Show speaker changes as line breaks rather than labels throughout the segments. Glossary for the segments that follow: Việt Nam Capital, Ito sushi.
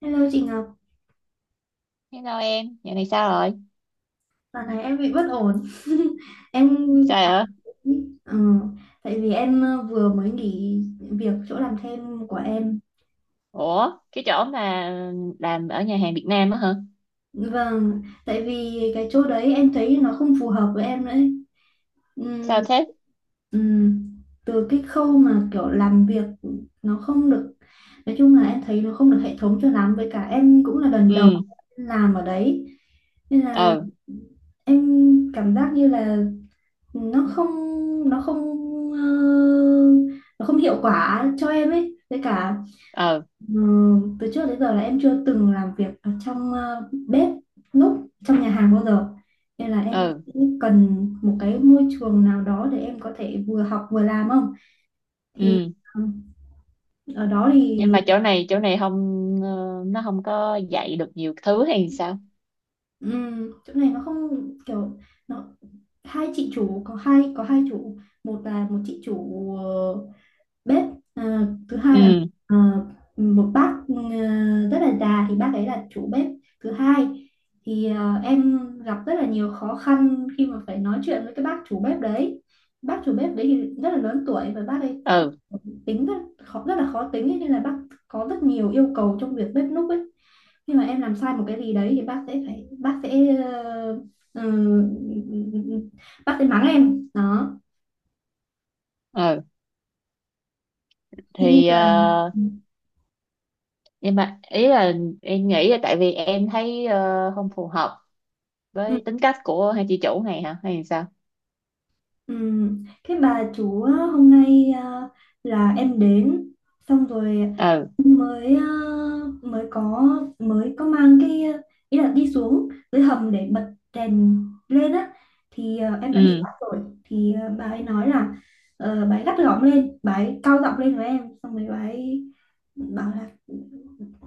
Hello chị Ngọc,
Hello em, giờ này sao rồi?
dạo này em bị bất ổn. Em
Trời
cảm
ơi.
ờ, tại vì em vừa mới nghỉ việc chỗ làm thêm của em.
Ủa, cái chỗ mà làm ở nhà hàng Việt Nam á hả?
Vâng, tại vì cái chỗ đấy em thấy nó không phù hợp với em nữa ấy. Ừm,
Sao thế?
ừm, Từ cái khâu mà kiểu làm việc nó không được, nói chung là em thấy nó không được hệ thống cho lắm. Với cả em cũng là lần đầu
Ừ,
làm ở đấy, nên là
ừ,
em cảm giác như là nó không nó không ờ, nó không hiệu quả cho em ấy. Với cả
ừ,
ừ, từ trước đến giờ là em chưa từng làm việc ở trong bếp núc trong nhà hàng bao giờ, nên là em
ừ,
cũng cần một cái môi trường nào đó để em có thể vừa học vừa làm. Không thì
ừ.
ừ, ở đó
Nhưng
thì
mà chỗ này không, ờ, nó không có dạy được nhiều thứ hay sao?
chỗ này nó không kiểu nó hai chị chủ, có hai chủ. Một là một chị chủ bếp. Ờ, Thứ hai là
Ừ,
ờ, một bác rất là già, thì bác ấy là chủ bếp thứ hai. Thì em gặp rất là nhiều khó khăn khi mà phải nói chuyện với cái bác chủ bếp đấy. Bác chủ bếp đấy thì rất là lớn tuổi và bác ấy
ừ,
tính rất rất là khó tính ấy, nên là bác có rất nhiều yêu cầu trong việc bếp núc ấy. Khi mà em làm sai một cái gì đấy thì bác sẽ phải bác sẽ ờ, ừ, ừ, ừ, ừ, bác sẽ mắng em đó.
ừ.
Thế nên
Thì,
là
ờ, nhưng mà ý là em nghĩ là tại vì em thấy không phù hợp
ừ.
với tính cách của hai chị chủ này hả? Hay sao?
Ừ. Cái bà chủ á, hôm nay à, là em đến xong rồi
Ừ,
mới à, mới có mới có mang cái ý là đi xuống dưới hầm để bật đèn lên á, thì à, em đã bị
ừ,
bắt rồi. Thì à, bà ấy nói là bà ấy gắt gỏng lên, bà ấy cao giọng lên với em, xong rồi bà ấy bảo là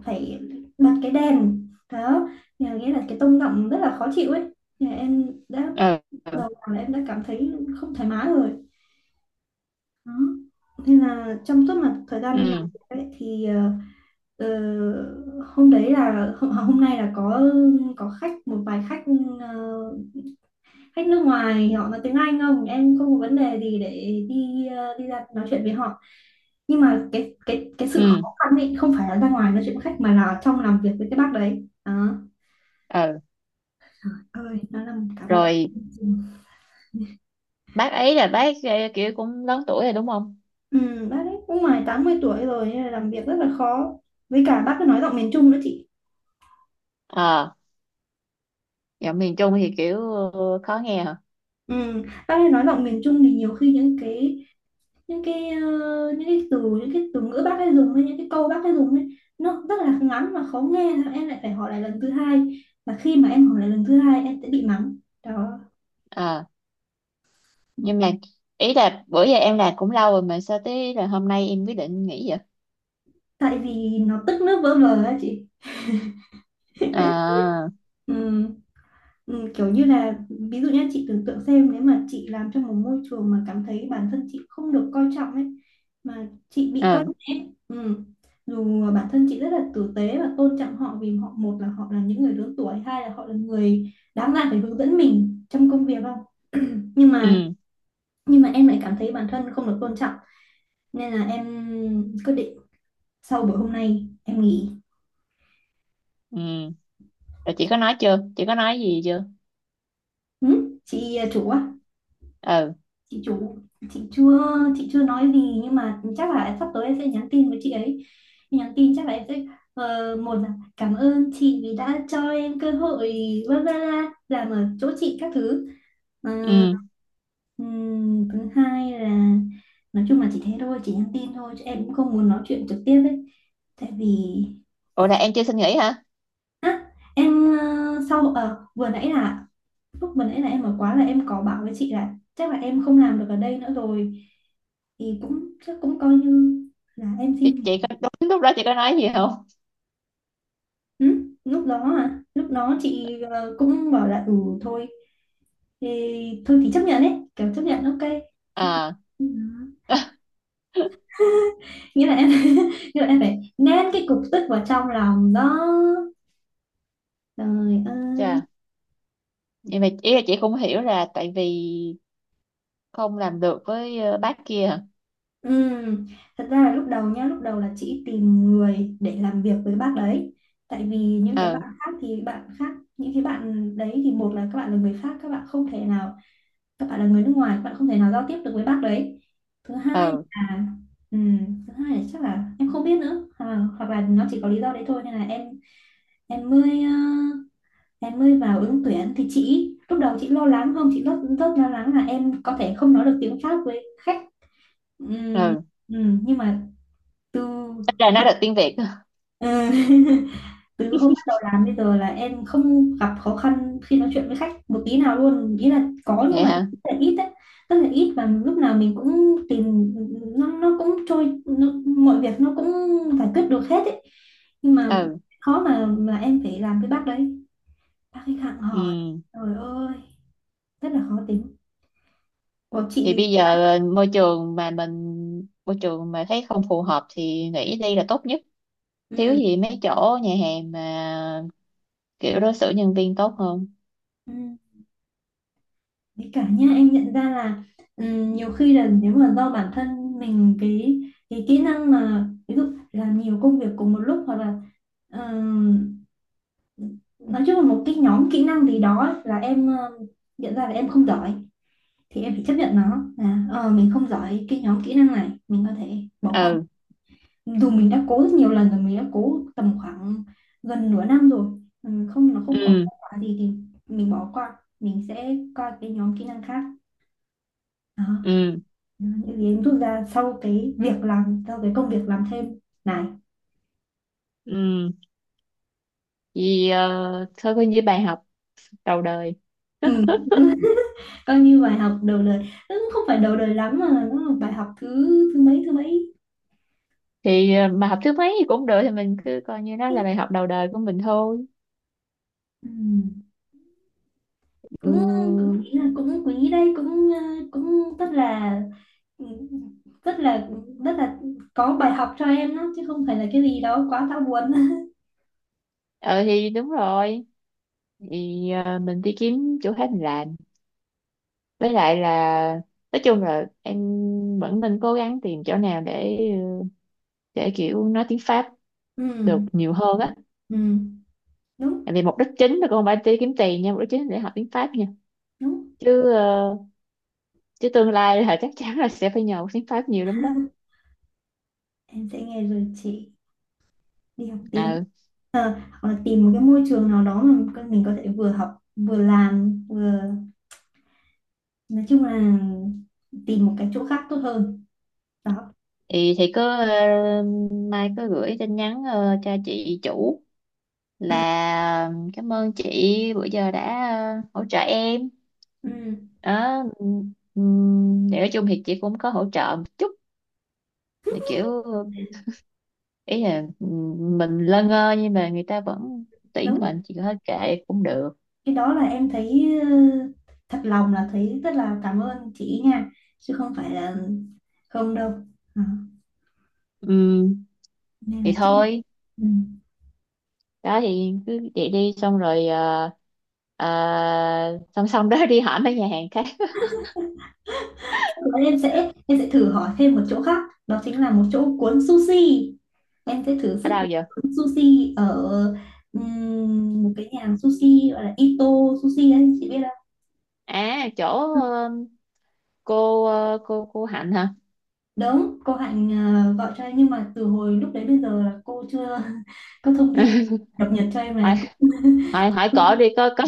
phải bật cái đèn đó. Nhà nghĩa là cái tông giọng rất là khó chịu ấy. Thì em đã
ừ,
đầu là em đã cảm thấy không thoải mái rồi đó. Nên là trong suốt mà thời gian em làm
ừ,
việc ấy, thì ờ, hôm đấy là hôm nay là có khách, một vài khách ờ, khách nước ngoài, họ nói tiếng Anh. Không, em không có vấn đề gì để đi đi ra nói chuyện với họ, nhưng mà cái sự
ừ,
khó khăn ấy không phải là ra ngoài nói chuyện với khách, mà là trong làm việc với cái bác đấy đó,
ừ.
ơi nó là cả một.
Rồi bác ấy là bác kiểu cũng lớn tuổi rồi đúng không?
Ừ, bác ấy cũng ngoài 80 tuổi rồi nên là làm việc rất là khó. Với cả bác ấy nói giọng miền Trung nữa chị.
Ờ, giọng miền Trung thì kiểu khó nghe hả?
Ừ, bác ấy nói giọng miền Trung thì nhiều khi những cái từ ngữ bác ấy dùng, hay những cái câu bác ấy dùng ấy, nó rất là ngắn và khó nghe. Thế em lại phải hỏi lại lần thứ hai, và khi mà em hỏi lại lần thứ hai em sẽ bị mắng đó.
Ờ, nhưng mà ý là bữa giờ em làm cũng lâu rồi mà sao tới là hôm nay em quyết định nghỉ vậy?
Tại vì nó tức nước vỡ vờ á chị.
Ờ,
Ừ. Ừ, kiểu như là ví dụ nhé, chị tưởng tượng xem nếu mà chị làm trong một môi trường mà cảm thấy bản thân chị không được coi trọng ấy, mà chị bị coi
ừ,
nhẹ, ừ, dù bản thân chị rất là tử tế và tôn trọng họ, vì họ, một là họ là những người lớn tuổi, hai là họ là người đáng ra phải hướng dẫn mình trong công việc. Không, nhưng mà
ừ,
em lại cảm thấy bản thân không được tôn trọng, nên là em quyết định sau buổi hôm nay em nghỉ.
ừ. Rồi chị có nói chưa, chị có nói gì chưa?
Ừ? Chị à, chủ á,
Ừ,
chị chủ chị chưa chị chưa nói gì, nhưng mà chắc là sắp tới em sẽ nhắn tin với chị ấy. Nhắn tin chắc là em sẽ một là cảm ơn chị vì đã cho em cơ hội, bla bla bla, làm ở chỗ chị các thứ. Ờ,
ừ.
thứ hai là nói chung là chị thế thôi, chị nhắn tin thôi chứ em cũng không muốn nói chuyện trực tiếp ấy, tại vì
Ủa, là em chưa xin nghỉ hả?
á em ờ, sau ờ, vừa nãy là lúc vừa nãy là em ở quá là em có bảo với chị là chắc là em không làm được ở đây nữa rồi, thì cũng chắc cũng coi như là em xin
chị,
nghỉ.
chị có đúng lúc đó chị có nói gì không?
Ừ? Lúc đó à, lúc đó chị cũng bảo là ừ, thôi thì thôi thì chấp nhận ấy, kiểu chấp nhận, ok. Ok.
Ờ.
Ừ. Nghĩa là em nghĩa là em phải nén cái cục tức vào trong lòng đó, trời
Chà,
ơi.
nhưng mà ý là chị cũng hiểu là tại vì không làm được với bác kia hả?
Ừm, thật ra là lúc đầu nhá, lúc đầu là chị tìm người để làm việc với bác đấy. Tại vì những cái
Ừ,
bạn khác thì bạn khác, những cái bạn đấy thì một là các bạn là người pháp, các bạn không thể nào, các bạn là người nước ngoài, các bạn không thể nào giao tiếp được với bác đấy. Thứ hai
ừ,
là, thứ hai là chắc là em không biết nữa, à, hoặc là nó chỉ có lý do đấy thôi nên là em mới em mới vào ứng tuyển, thì chị lúc đầu chị lo lắng. Không, chị rất rất lo lắng là em có thể không nói được tiếng Pháp với khách. Ừm,
ừ.
nhưng mà từ
Ít ra nói được tiếng Việt.
Ờ, từ hôm bắt đầu làm bây giờ là em không gặp khó khăn khi nói chuyện với khách một tí nào luôn. Ý là có, nhưng
Vậy
mà
hả?
rất là ít đấy, rất là ít, và lúc nào mình cũng tìm nó cũng trôi nó, mọi việc nó cũng giải quyết được hết ấy. Nhưng mà
Ừ,
khó mà em phải làm với bác đấy, bác khách hàng hỏi,
ừ.
trời ơi, rất là khó tính của
thì
chị.
bây giờ ờ, môi trường mà mình môi trường mà thấy không phù hợp thì nghỉ đi là tốt nhất. Thiếu
Ừ.
gì mấy chỗ nhà hàng mà kiểu đối xử nhân viên tốt hơn.
Ừ. Đấy cả nhá, em nhận ra là nhiều khi là nếu mà do bản thân mình, cái kỹ năng, mà ví dụ làm nhiều công việc cùng một lúc, hoặc là ừm, nói chung là một cái nhóm kỹ năng gì đó ấy, là em nhận ra là em không giỏi, thì em phải chấp nhận nó là ờ, mình không giỏi cái nhóm kỹ năng này, mình có thể bỏ qua,
Ừ,
dù mình đã cố rất nhiều lần rồi, mình đã cố tầm khoảng gần nửa năm rồi. Ừ, không, nó không có
ừ,
kết quả gì thì mình bỏ qua, mình sẽ qua cái nhóm kỹ năng khác đó,
ừ,
những gì em rút ra sau cái việc làm, sau cái công việc làm thêm này.
ừ. Vì thôi coi như bài học đầu đời.
Ừ, coi như bài học đầu đời. Ừ, không phải đầu đời lắm mà nó là bài học thứ thứ mấy.
Mà học thứ mấy thì cũng được, thì mình cứ coi như nó
Ừ.
là bài học đầu đời của mình thôi.
cũng
Ừ,
Cũng nghĩ là cũng quý đây, cũng cũng rất là rất là có bài học cho em đó, chứ không phải là cái gì đó quá đau buồn.
ờ thì đúng rồi. Thì mình đi kiếm chỗ khác mình làm, với lại là nói chung là em vẫn nên cố gắng tìm chỗ nào để ờ, để kiểu nói tiếng Pháp được
Ừ.
nhiều hơn á.
Ừ. đúng
Tại vì mục đích chính là con phải đi kiếm tiền nha, mục đích chính là để học tiếng Pháp nha,
Đúng.
chứ chứ tương lai là chắc chắn là sẽ phải nhờ tiếng Pháp nhiều lắm đó.
Em sẽ nghe lời chị đi học tiếng.
Ừ,
Hoặc là tìm một cái môi trường nào đó mà mình có thể vừa học vừa làm, vừa nói chung là tìm một cái chỗ khác tốt hơn đó.
thì thì cứ mai cứ gửi tin nhắn cho chị chủ
Ừ,
là cảm ơn chị bữa giờ đã hỗ trợ em
ừ,
đó. Ừm, để nói chung thì chị cũng có hỗ trợ một chút, kiểu ý là ừ, mình lơ ngơ nhưng mà người ta vẫn tuyển
đúng.
mình thì hết kệ cũng được.
Cái đó là em thấy thật lòng là thấy rất là cảm ơn chị nha, chứ không phải là không đâu. Đó,
Ừm,
nên là
thì
chắc là
thôi.
ừ.
Đó thì cứ vậy đi, xong rồi ờ, song song đó đi hỏi mấy nhà hàng khác.
Em sẽ thử hỏi thêm một chỗ khác, đó chính là một chỗ cuốn sushi, em sẽ thử
Ở
sức.
đâu giờ?
Cuốn sushi ở một cái nhà hàng sushi gọi là Ito sushi đấy, chị biết không?
À chỗ
Ừ.
cô Hạnh hả?
Đúng, cô Hạnh gọi cho em, nhưng mà từ hồi lúc đấy bây giờ là cô chưa có thông tin cập nhật cho em
hỏi
này. Cũng
hỏi hỏi cổ đi, có có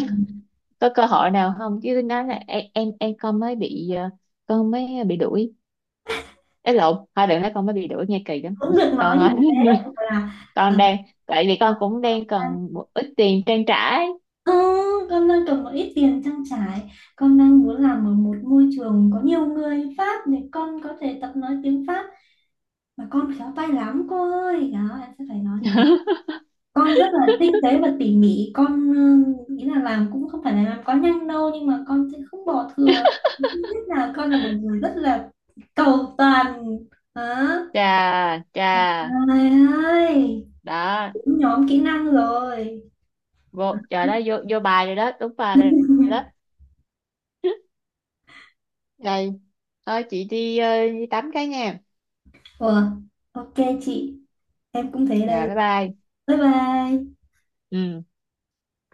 có cơ hội nào không, chứ nói là em con mới bị con mới bị đuổi. Ấy lộn, thôi đừng nói con mới bị đuổi nghe kỳ lắm
cũng được nói
con
như
ơi.
thế là
Con đang, tại vì con cũng đang
ờ,
cần một ít tiền trang trải.
Ờ, con đang cần một ít tiền trang trải, con đang muốn làm ở một môi trường có nhiều người Pháp để con có thể tập nói tiếng Pháp, mà con khéo tay lắm cô ơi. Đó, em sẽ phải nói như thế. Con rất là tinh tế và tỉ mỉ, con ừ, ý là làm cũng không phải là làm quá nhanh đâu, nhưng mà con sẽ không bỏ thừa. Thứ nhất là con là một người rất là cầu toàn, hả?
Chà chà.
Trời ơi.
Đó,
Cũng nhóm kỹ năng rồi.
vô trời đó, vô vô bài rồi đó, đúng bài rồi đó. Rồi thôi chị đi, đi tắm cái nha.
Ủa, ok chị, em cũng thế
Rồi
đây.
bye bye.
Bye bye.
Ừ.